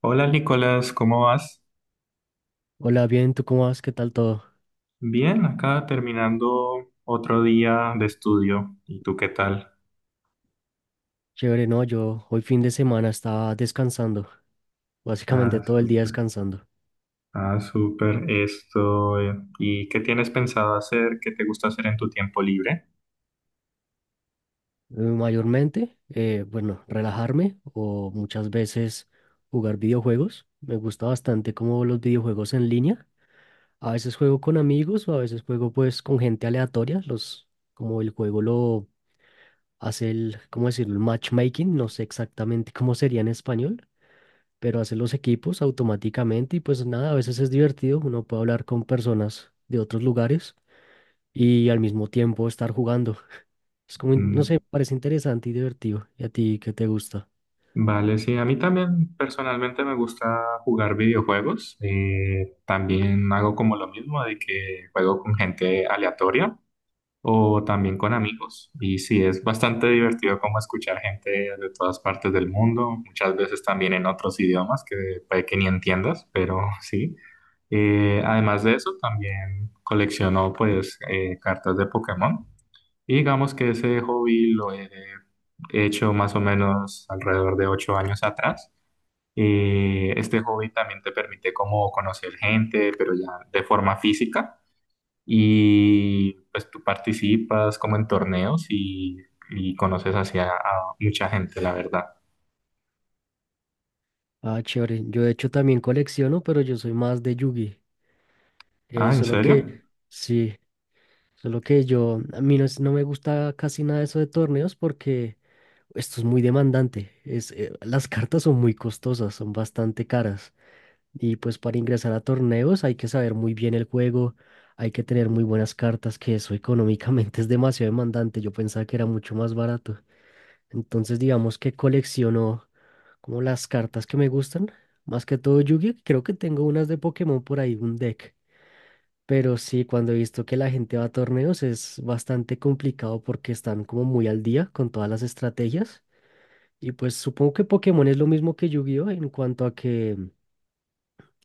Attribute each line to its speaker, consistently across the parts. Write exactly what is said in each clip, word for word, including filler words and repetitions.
Speaker 1: Hola Nicolás, ¿cómo vas?
Speaker 2: Hola, bien, ¿tú cómo vas? ¿Qué tal todo?
Speaker 1: Bien, acá terminando otro día de estudio. ¿Y tú qué tal?
Speaker 2: Chévere, no, yo hoy fin de semana estaba descansando, básicamente
Speaker 1: Ah,
Speaker 2: todo el día
Speaker 1: súper.
Speaker 2: descansando.
Speaker 1: Ah, súper. Esto. Eh, ¿Y qué tienes pensado hacer? ¿Qué te gusta hacer en tu tiempo libre?
Speaker 2: Eh, Mayormente, eh, bueno, relajarme o muchas veces jugar videojuegos. Me gusta bastante como los videojuegos en línea. A veces juego con amigos o a veces juego pues con gente aleatoria, los, como el juego lo hace el, ¿cómo decirlo? El matchmaking, no sé exactamente cómo sería en español, pero hace los equipos automáticamente y pues nada, a veces es divertido, uno puede hablar con personas de otros lugares y al mismo tiempo estar jugando. Es como, in- no sé,
Speaker 1: Mm,
Speaker 2: parece interesante y divertido. ¿Y a ti qué te gusta?
Speaker 1: vale, sí, a mí también personalmente me gusta jugar videojuegos. Eh, también hago como lo mismo de que juego con gente aleatoria, o también con amigos. Y sí, es bastante divertido como escuchar gente de todas partes del mundo, muchas veces también en otros idiomas que puede que ni entiendas, pero sí. Eh, además de eso, también colecciono, pues eh, cartas de Pokémon. Y digamos que ese hobby lo he hecho más o menos alrededor de ocho años atrás. Eh, este hobby también te permite como conocer gente, pero ya de forma física, y pues tú participas como en torneos y, y conoces hacia a mucha gente, la verdad.
Speaker 2: Ah, chévere. Yo de hecho también colecciono, pero yo soy más de Yugi. Eh,
Speaker 1: Ah, ¿en
Speaker 2: solo
Speaker 1: serio?
Speaker 2: que, sí, solo que yo, a mí no, es- no me gusta casi nada eso de torneos porque esto es muy demandante. Es, eh, las cartas son muy costosas, son bastante caras. Y pues para ingresar a torneos hay que saber muy bien el juego, hay que tener muy buenas cartas, que eso económicamente es demasiado demandante. Yo pensaba que era mucho más barato. Entonces digamos que colecciono como las cartas que me gustan, más que todo Yu-Gi-Oh! Creo que tengo unas de Pokémon por ahí, un deck. Pero sí, cuando he visto que la gente va a torneos es bastante complicado porque están como muy al día con todas las estrategias. Y pues supongo que Pokémon es lo mismo que Yu-Gi-Oh! En cuanto a que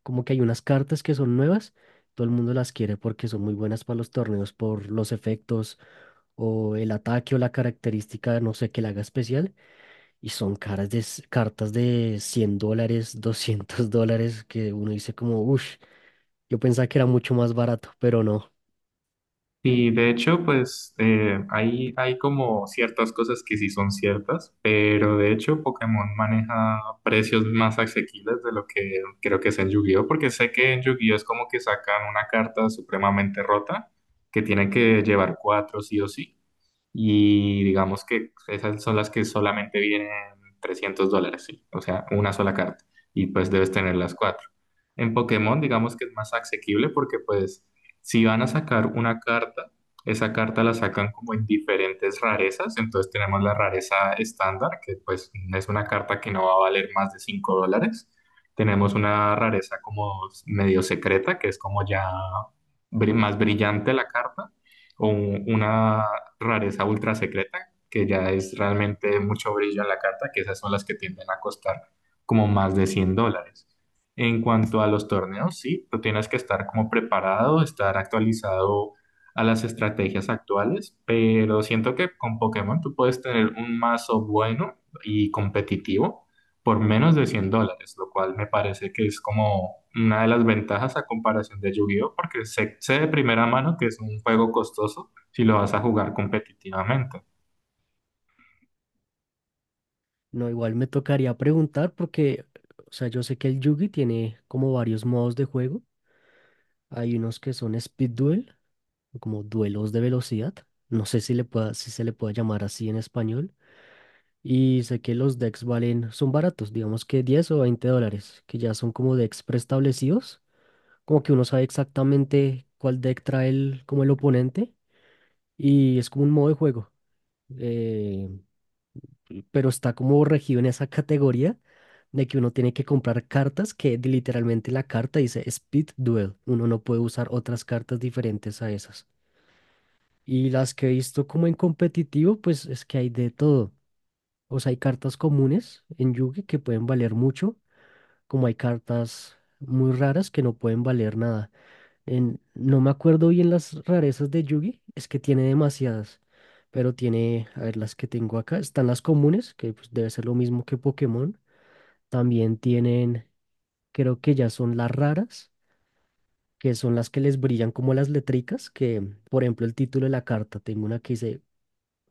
Speaker 2: como que hay unas cartas que son nuevas, todo el mundo las quiere porque son muy buenas para los torneos por los efectos o el ataque o la característica, no sé, que la haga especial. Y son caras de, s- cartas de cien dólares, doscientos dólares, que uno dice como, uff, yo pensaba que era mucho más barato, pero no.
Speaker 1: Y de hecho, pues eh, hay, hay como ciertas cosas que sí son ciertas, pero de hecho Pokémon maneja precios más asequibles de lo que creo que es en Yu-Gi-Oh, porque sé que en Yu-Gi-Oh es como que sacan una carta supremamente rota que tienen que llevar cuatro sí o sí, y digamos que esas son las que solamente vienen trescientos dólares, sí. O sea, una sola carta, y pues debes tener las cuatro. En Pokémon, digamos que es más asequible porque pues si van a sacar una carta, esa carta la sacan como en diferentes rarezas. Entonces tenemos la rareza estándar, que pues es una carta que no va a valer más de cinco dólares. Tenemos una rareza como medio secreta, que es como ya bri- más brillante la carta. O un- una rareza ultra secreta, que ya es realmente mucho brillo en la carta, que esas son las que tienden a costar como más de cien dólares. En cuanto a los torneos, sí, tú tienes que estar como preparado, estar actualizado a las estrategias actuales, pero siento que con Pokémon tú puedes tener un mazo bueno y competitivo por menos de cien dólares, lo cual me parece que es como una de las ventajas a comparación de Yu-Gi-Oh, porque sé, sé de primera mano que es un juego costoso si lo vas a jugar competitivamente.
Speaker 2: No, igual me tocaría preguntar porque, o sea, yo sé que el Yugi tiene como varios modos de juego. Hay unos que son Speed Duel, como duelos de velocidad. No sé si le pueda, si se le puede llamar así en español. Y sé que los decks valen, son baratos, digamos que diez o veinte dólares, que ya son como decks preestablecidos, como que uno sabe exactamente cuál deck trae el, como el oponente, y es como un modo de juego, eh, pero está como regido en esa categoría de que uno tiene que comprar cartas que literalmente la carta dice Speed Duel, uno no puede usar otras cartas diferentes a esas. Y las que he visto como en competitivo, pues es que hay de todo. O sea, hay cartas comunes en Yugi que pueden valer mucho, como hay cartas muy raras que no pueden valer nada. En, no me acuerdo bien las rarezas de Yugi, es que tiene demasiadas, pero tiene, a ver, las que tengo acá, están las comunes, que pues, debe ser lo mismo que Pokémon. También tienen, creo que ya son las raras, que son las que les brillan como las letricas, que por ejemplo el título de la carta, tengo una que dice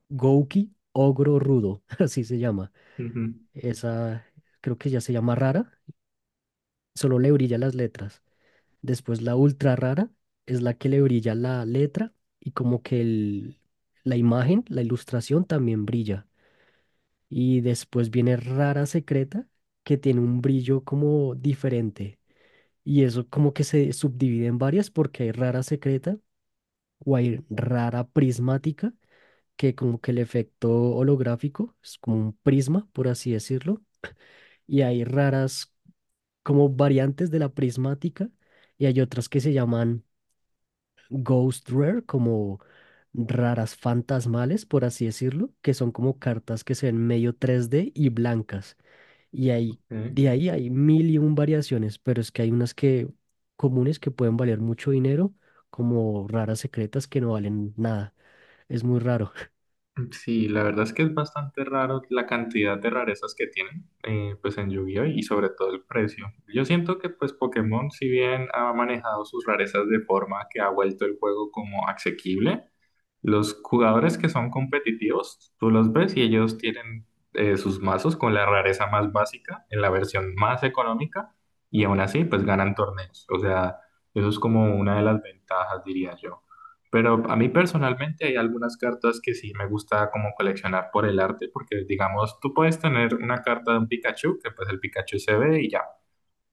Speaker 2: Gouki Ogro Rudo, así se llama.
Speaker 1: Ujú.
Speaker 2: Esa creo que ya se llama rara, solo le brilla las letras. Después la ultra rara es la que le brilla la letra y como que el- la imagen, la ilustración también brilla. Y después viene rara secreta que tiene un brillo como diferente. Y eso como que se subdivide en varias porque hay rara secreta o hay rara prismática que como que el efecto holográfico es como un prisma, por así decirlo, y hay raras como variantes de la prismática y hay otras que se llaman ghost rare, como raras fantasmales, por así decirlo, que son como cartas que se ven medio tres D y blancas. Y ahí,
Speaker 1: Ok.
Speaker 2: de ahí hay mil y un variaciones, pero es que hay unas que comunes que pueden valer mucho dinero, como raras secretas que no valen nada. Es muy raro.
Speaker 1: Mm, sí, la verdad es que es bastante raro la cantidad de rarezas que tienen, eh, pues en Yu-Gi-Oh! Y sobre todo el precio. Yo siento que pues Pokémon, si bien ha manejado sus rarezas de forma que ha vuelto el juego como asequible, los jugadores que son competitivos, tú los ves y ellos tienen eh, sus mazos con la rareza más básica en la versión más económica, y aún así pues ganan torneos. O sea, eso es como una de las ventajas, diría yo. Pero a mí personalmente hay algunas cartas que sí me gusta como coleccionar por el arte, porque digamos, tú puedes tener una carta de un Pikachu, que pues el Pikachu se ve y ya,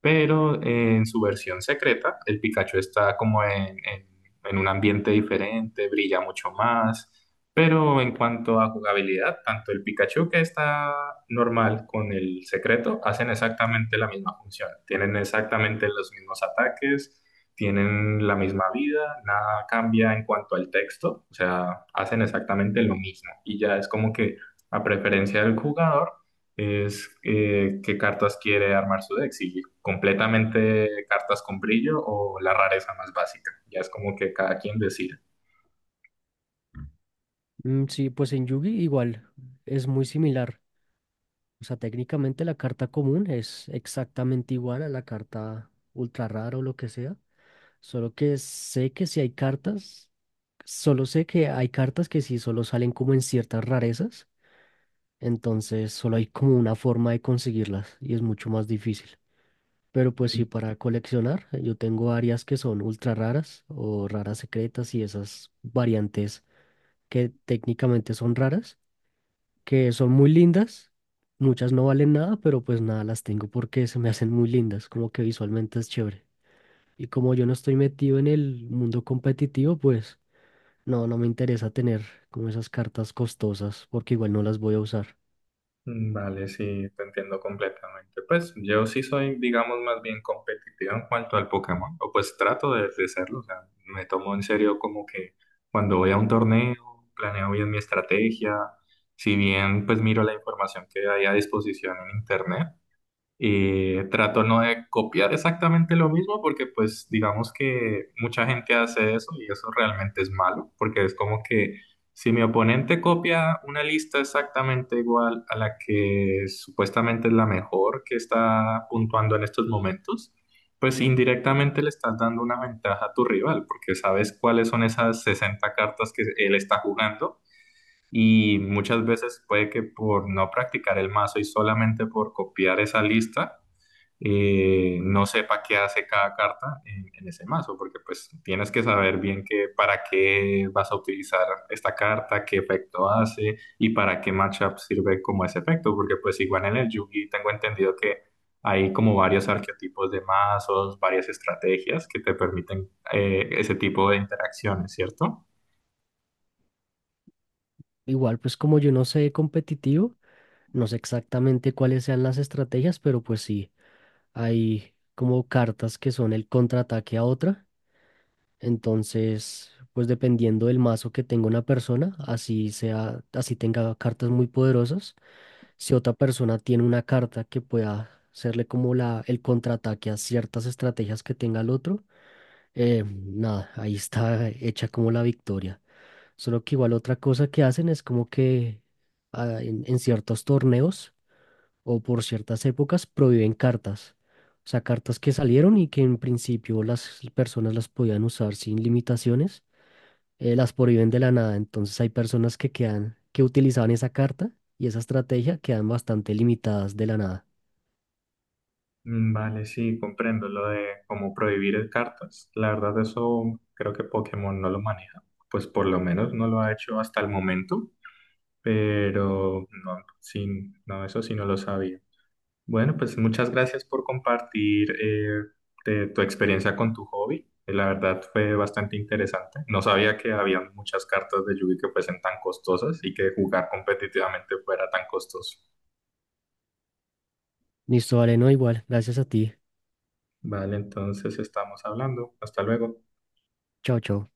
Speaker 1: pero eh, en su versión secreta, el Pikachu está como en, en- en un ambiente diferente, brilla mucho más, pero en cuanto a jugabilidad, tanto el Pikachu que está normal con el secreto hacen exactamente la misma función, tienen exactamente los mismos ataques. Tienen la misma vida, nada cambia en cuanto al texto, o sea, hacen exactamente lo mismo. Y ya es como que a preferencia del jugador, es eh, qué cartas quiere armar su deck, si completamente cartas con brillo o la rareza más básica. Ya es como que cada quien decide.
Speaker 2: Mm, sí, pues en Yugi igual es muy similar. O sea, técnicamente la carta común es exactamente igual a la carta ultra rara o lo que sea, solo que sé que si hay cartas, solo sé que hay cartas que sí solo salen como en ciertas rarezas, entonces solo hay como una forma de conseguirlas y es mucho más difícil. Pero pues
Speaker 1: Mm,
Speaker 2: sí, para coleccionar, yo tengo varias que son ultra raras o raras secretas y esas variantes que técnicamente son raras que son muy lindas. Muchas no valen nada, pero pues nada, las tengo porque se me hacen muy lindas, como que visualmente es chévere. Y como yo no estoy metido en el mundo competitivo, pues no, no me interesa tener como esas cartas costosas porque igual no las voy a usar.
Speaker 1: vale, sí, te entiendo completamente. Pues yo sí soy, digamos, más bien competitivo en cuanto al Pokémon, o pues trato de, de serlo, o sea, me tomo en serio como que cuando voy a un torneo, planeo bien mi estrategia, si bien pues miro la información que hay a disposición en internet. Eh, trato no de copiar exactamente lo mismo porque pues digamos que mucha gente hace eso y eso realmente es malo porque es como que si mi oponente copia una lista exactamente igual a la que supuestamente es la mejor que está puntuando en estos momentos, pues indirectamente le estás dando una ventaja a tu rival porque sabes cuáles son esas sesenta cartas que él está jugando. Y muchas veces puede que por no practicar el mazo y solamente por copiar esa lista, eh, no sepa qué hace cada carta en, en ese mazo, porque pues tienes que saber bien qué, para qué vas a utilizar esta carta, qué efecto hace y para qué matchup sirve como ese efecto, porque pues igual en el Yugi tengo entendido que hay como varios arquetipos de mazos, varias estrategias que te permiten eh, ese tipo de interacciones, ¿cierto?
Speaker 2: Igual, pues como yo no sé competitivo, no sé exactamente cuáles sean las estrategias, pero pues sí, hay como cartas que son el contraataque a otra. Entonces, pues dependiendo del mazo que tenga una persona, así sea, así tenga cartas muy poderosas, si otra persona tiene una carta que pueda hacerle como la, el contraataque a ciertas estrategias que tenga el otro, eh, nada, ahí está hecha como la victoria. Solo que igual otra cosa que hacen es como que ah, en, en ciertos torneos o por ciertas épocas prohíben cartas. O sea, cartas que salieron y que en principio las personas las podían usar sin limitaciones, eh, las prohíben de la nada. Entonces hay personas que quedan, que utilizaban esa carta y esa estrategia quedan bastante limitadas de la nada.
Speaker 1: Mm, vale, sí, comprendo lo de cómo prohibir cartas. La verdad, eso creo que Pokémon no lo maneja. Pues por lo menos no lo ha hecho hasta el momento, pero no, sí, no, eso sí no lo sabía. Bueno, pues muchas gracias por compartir eh, de tu experiencia con tu hobby. Eh, La verdad fue bastante interesante. No sabía que había muchas cartas de Yu-Gi que fuesen tan costosas y que jugar competitivamente fuera tan costoso.
Speaker 2: Listo, vale, no igual. Gracias a ti.
Speaker 1: Vale, entonces estamos hablando. Hasta luego.
Speaker 2: Chao, chao.